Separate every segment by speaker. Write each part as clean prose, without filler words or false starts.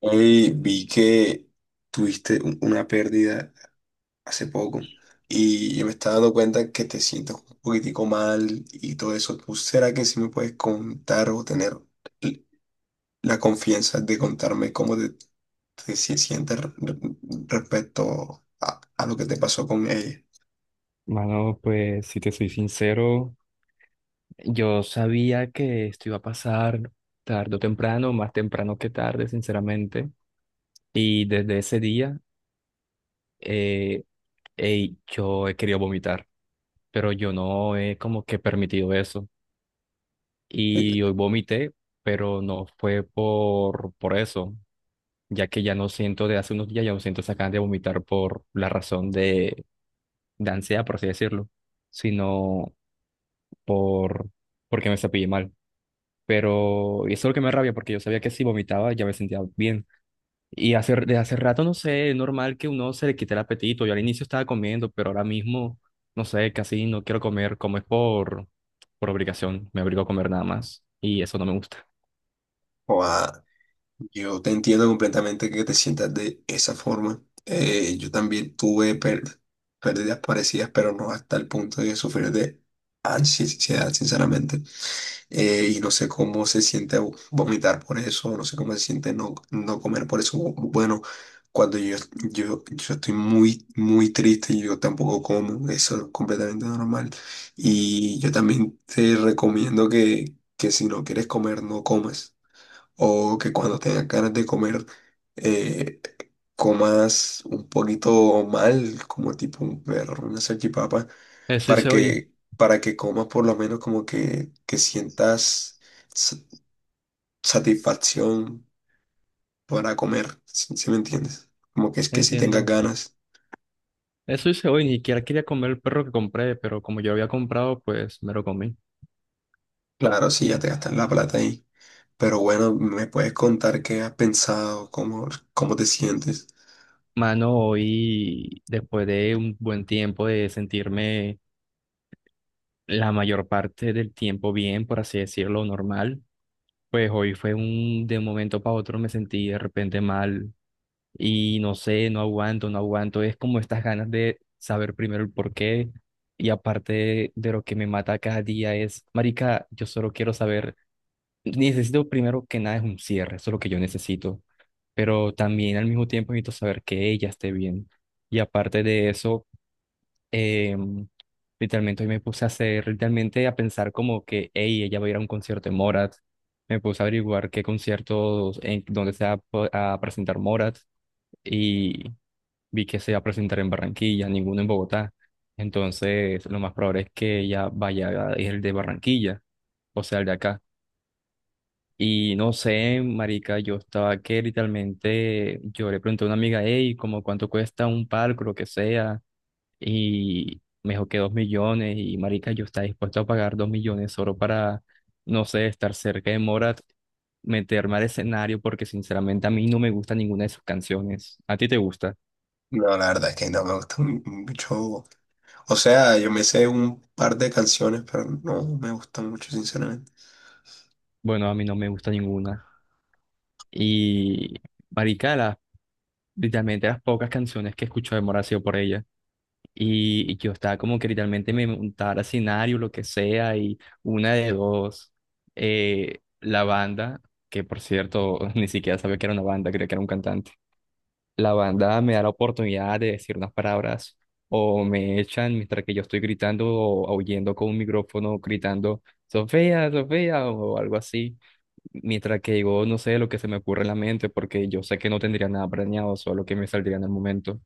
Speaker 1: Hoy vi que tuviste una pérdida hace poco, y yo me estaba dando cuenta que te sientes un poquitico mal y todo eso. ¿Tú será que sí me puedes contar o tener l- la confianza de contarme cómo te sientes respecto a, lo que te pasó con ella?
Speaker 2: Mano, pues si te soy sincero, yo sabía que esto iba a pasar tarde o temprano, más temprano que tarde, sinceramente. Y desde ese día, eh, ey, yo he querido vomitar, pero yo no he como que permitido eso. Y hoy vomité, pero no fue por eso, ya que ya no siento, de hace unos días ya no siento esa ganas de vomitar por la razón de ansiedad, por así decirlo, sino por porque me cepillé mal. Pero y eso es lo que me da rabia porque yo sabía que si vomitaba ya me sentía bien. Y hace, desde hace rato, no sé, es normal que uno se le quite el apetito. Yo al inicio estaba comiendo, pero ahora mismo, no sé, casi no quiero comer. Como es por obligación, me obligo a comer nada más. Y eso no me gusta.
Speaker 1: Yo te entiendo completamente que te sientas de esa forma. Yo también tuve pérdidas parecidas, pero no hasta el punto de sufrir de ansiedad, sinceramente. Y no sé cómo se siente vomitar por eso, no sé cómo se siente no comer por eso. Bueno, cuando yo estoy muy, muy triste, yo tampoco como. Eso es completamente normal. Y yo también te recomiendo que si no quieres comer, no comas, o que cuando tengas ganas de comer, eh, comas un poquito mal, como tipo un perro, una salchipapa,
Speaker 2: Eso
Speaker 1: para
Speaker 2: hice hoy,
Speaker 1: que, para que comas por lo menos, como que sientas sa- satisfacción para comer. Si me entiendes? Como que es que si tengas
Speaker 2: entiendo.
Speaker 1: ganas,
Speaker 2: Eso hice hoy, ni siquiera quería comer el perro que compré, pero como yo lo había comprado, pues me lo comí.
Speaker 1: claro, sí, ya te gastas la plata ahí. Pero bueno, ¿me puedes contar qué has pensado? ¿Cómo te sientes?
Speaker 2: Mano, hoy, después de un buen tiempo de sentirme la mayor parte del tiempo bien, por así decirlo, normal. Pues hoy fue un, de un momento para otro me sentí de repente mal y no sé, no aguanto, no aguanto. Es como estas ganas de saber primero el porqué y aparte de lo que me mata cada día es, marica, yo solo quiero saber, necesito primero que nada es un cierre, eso es lo que yo necesito, pero también al mismo tiempo necesito saber que ella esté bien. Y aparte de eso, Em, literalmente hoy me puse a hacer, literalmente a pensar como que, hey, ella va a ir a un concierto de Morat. Me puse a averiguar qué conciertos, en dónde se va a, a presentar Morat y vi que se va a presentar en Barranquilla, ninguno en Bogotá. Entonces, lo más probable es que ella vaya a ir el de Barranquilla, o sea, el de acá. Y no sé, marica, yo estaba que literalmente, yo le pregunté a una amiga, hey, como cuánto cuesta un palco, lo que sea y me dijo que 2 millones y marica, yo estaba dispuesto a pagar 2 millones solo para, no sé, estar cerca de Morat, meterme al escenario porque sinceramente a mí no me gusta ninguna de sus canciones. ¿A ti te gusta?
Speaker 1: No, la verdad es que no me gusta mucho. O sea, yo me sé un par de canciones, pero no me gustan mucho, sinceramente.
Speaker 2: Bueno, a mí no me gusta ninguna. Y marica, literalmente las pocas canciones que escucho de Morat ha sido por ella. Y yo estaba como que literalmente me montaba escenario, lo que sea, y una de dos, la banda, que por cierto ni siquiera sabía que era una banda, creía que era un cantante, la banda me da la oportunidad de decir unas palabras o me echan mientras que yo estoy gritando o aullando con un micrófono, gritando, Sofía, Sofía, o algo así, mientras que digo, no sé, lo que se me ocurre en la mente, porque yo sé que no tendría nada planeado, solo que me saldría en el momento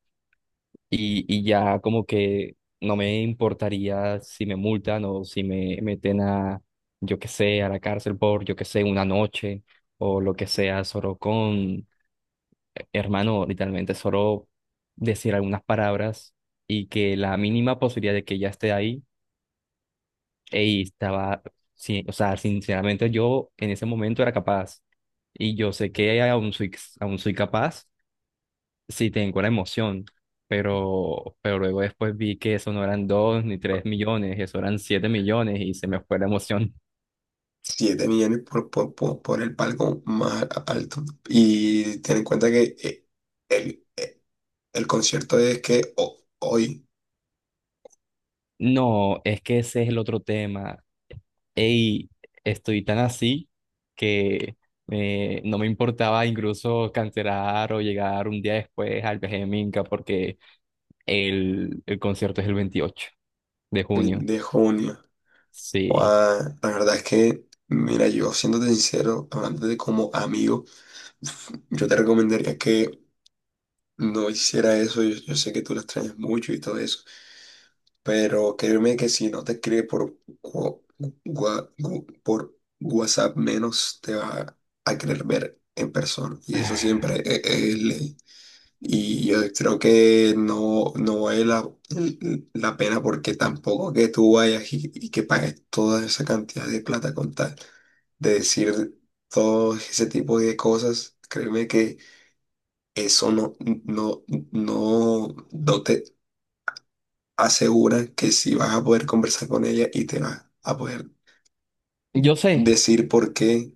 Speaker 2: y ya como que no me importaría si me multan o si me meten a, yo qué sé, a la cárcel por, yo qué sé, una noche o lo que sea, solo con, hermano, literalmente solo decir algunas palabras y que la mínima posibilidad de que ya esté ahí, y estaba, sí, o sea, sinceramente yo en ese momento era capaz y yo sé que aún soy capaz sí, tengo la emoción, pero luego después vi que eso no eran 2 ni 3 millones, eso eran 7 millones y se me fue la emoción.
Speaker 1: 7 millones por el palco más alto. Y ten en cuenta que el, eh, el concierto es que hoy,
Speaker 2: No, es que ese es el otro tema. Ey, estoy tan así que no me importaba incluso cancelar o llegar un día después al viaje de Minca porque el concierto es el veintiocho de
Speaker 1: el
Speaker 2: junio.
Speaker 1: de junio.
Speaker 2: Sí.
Speaker 1: Guau, la verdad es que, mira, yo siéndote sincero, hablando de como amigo, yo te recomendaría que no hiciera eso. Yo sé que tú la extrañas mucho y todo eso. Pero créeme que si no te escribe por, wa- por WhatsApp, menos te va a querer ver en persona. Y eso siempre es, ley. Y yo creo que no, no vale la pena, porque tampoco que tú vayas y, que pagues toda esa cantidad de plata con tal de decir todo ese tipo de cosas. Créeme que eso no, no, no, no te asegura que sí vas a poder conversar con ella, y te vas a poder
Speaker 2: Yo sé,
Speaker 1: decir por qué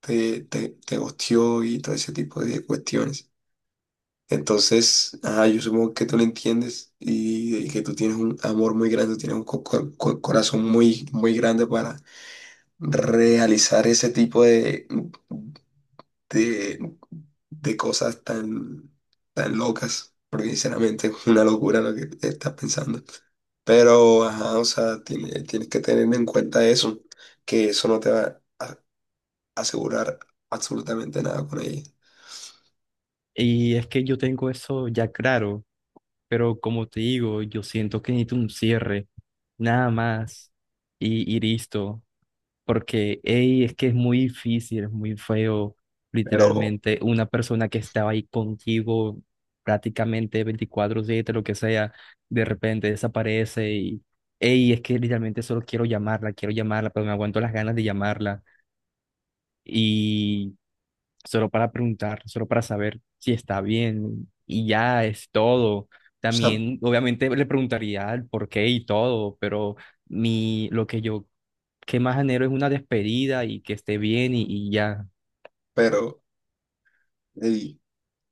Speaker 1: te ghosteó y todo ese tipo de cuestiones. Entonces, ah, yo supongo que tú lo entiendes, y que tú tienes un amor muy grande, tienes un corazón muy, muy grande, para realizar ese tipo de, de cosas tan, tan locas, porque sinceramente es una locura lo que estás pensando. Pero, ajá, o sea, tienes que tener en cuenta eso, que eso no te va a asegurar absolutamente nada con ella.
Speaker 2: y es que yo tengo eso ya claro. Pero como te digo, yo siento que necesito un cierre, nada más, y listo, porque ey, es que es muy difícil, es muy feo,
Speaker 1: Pero, o
Speaker 2: literalmente, una persona que estaba ahí contigo prácticamente 24/7, lo que sea, de repente desaparece y, ey, es que literalmente solo quiero llamarla, pero me aguanto las ganas de llamarla y solo para preguntar, solo para saber si está bien y ya es todo.
Speaker 1: sea,
Speaker 2: También, obviamente, le preguntaría el por qué y todo, pero mi, lo que yo que más anhelo es una despedida y que esté bien y ya.
Speaker 1: pero, ey,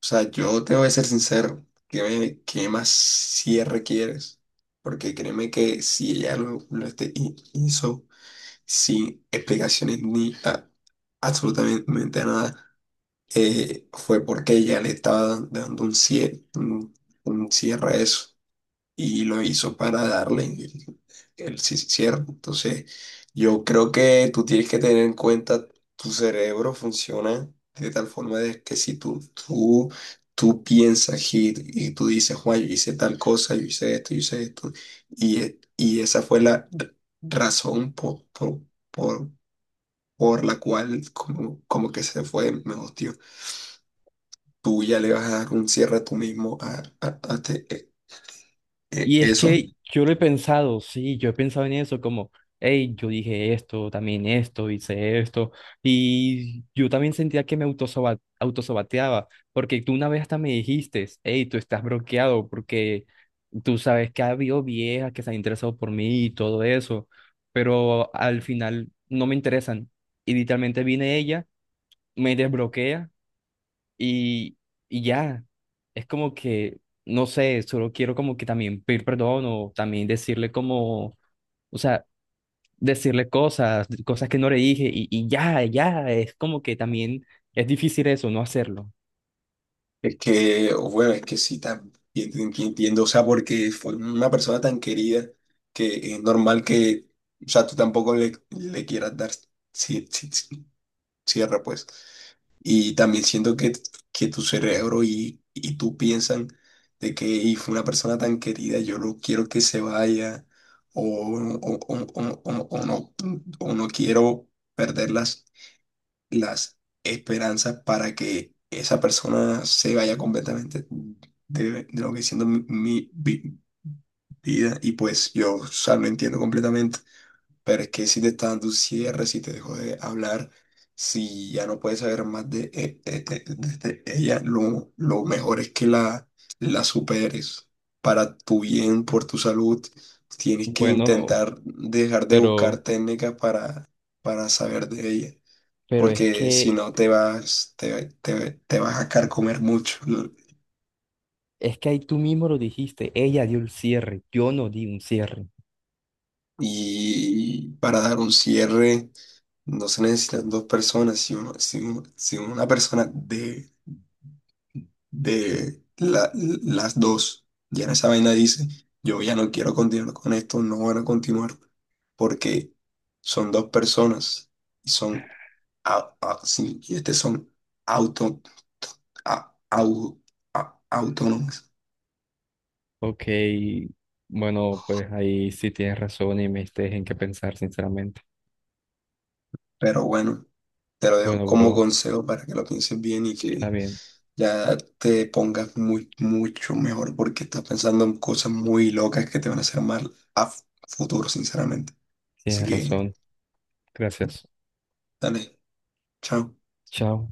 Speaker 1: o sea, yo te voy a ser sincero. ¿Qué más cierre quieres? Porque créeme que si ella lo hizo sin explicaciones ni absolutamente nada, fue porque ella le estaba dando un cierre, un cierre a eso. Y lo hizo para darle el sí, cierto. Entonces, yo creo que tú tienes que tener en cuenta, tu cerebro funciona de tal forma de que si tú, tú piensas y tú dices, Juan, yo hice tal cosa, yo hice esto, y esa fue la razón porpor, la cual, como que se fue mejor, tío. Tú ya le vas a dar un cierre a tú mismo a
Speaker 2: Y es
Speaker 1: eso.
Speaker 2: que yo lo he pensado, sí, yo he pensado en eso, como, hey, yo dije esto, también esto, hice esto, y yo también sentía que me autosaboteaba, porque tú una vez hasta me dijiste, hey, tú estás bloqueado, porque tú sabes que ha habido viejas que se han interesado por mí y todo eso, pero al final no me interesan, y literalmente viene ella, me desbloquea y, y ya, es como que, no sé, solo quiero como que también pedir perdón o también decirle como, o sea, decirle cosas, cosas que no le dije y ya, ya, es como que también es difícil eso, no hacerlo.
Speaker 1: Es que, bueno, es que sí, también entiendo. O sea, porque fue una persona tan querida, que es normal que, o sea, tú tampoco le quieras dar ci- ci- ci- cierre, pues. Y también siento que tu cerebro, y, tú piensan de que y fue una persona tan querida, yo no quiero que se vaya o, o, o, o, o- o no, o no quiero perderlas, las esperanzas, para que esa persona se vaya completamente de lo que siendo mi, mi vida, y pues yo, o sea, lo entiendo completamente. Pero es que si te está dando un cierre, si te dejó de hablar, si ya no puedes saber más de, de ella, lo mejor es que la superes para tu bien, por tu salud. Tienes que
Speaker 2: Bueno,
Speaker 1: intentar dejar de buscar
Speaker 2: pero,
Speaker 1: técnicas para saber de ella,
Speaker 2: pero es
Speaker 1: porque si
Speaker 2: que,
Speaker 1: no te vas, te vas a carcomer mucho, ¿no?
Speaker 2: es que ahí tú mismo lo dijiste, ella dio el cierre, yo no di un cierre.
Speaker 1: Y para dar un cierre no se necesitan dos personas. Si una persona de las dos ya en esa vaina dice, yo ya no quiero continuar con esto, no van a continuar, porque son dos personas y son, sí, y este son auto, a- au- a- autónomas.
Speaker 2: Ok, bueno, pues ahí sí tienes razón y me diste en qué pensar, sinceramente.
Speaker 1: Pero bueno. Te lo dejo
Speaker 2: Bueno,
Speaker 1: como
Speaker 2: bro,
Speaker 1: consejo para que lo pienses bien, y
Speaker 2: está
Speaker 1: que
Speaker 2: bien,
Speaker 1: ya te pongas muy, mucho mejor, porque estás pensando en cosas muy locas que te van a hacer mal a futuro, sinceramente. Así
Speaker 2: tienes
Speaker 1: que,
Speaker 2: razón. Gracias.
Speaker 1: dale, chao.
Speaker 2: Chao.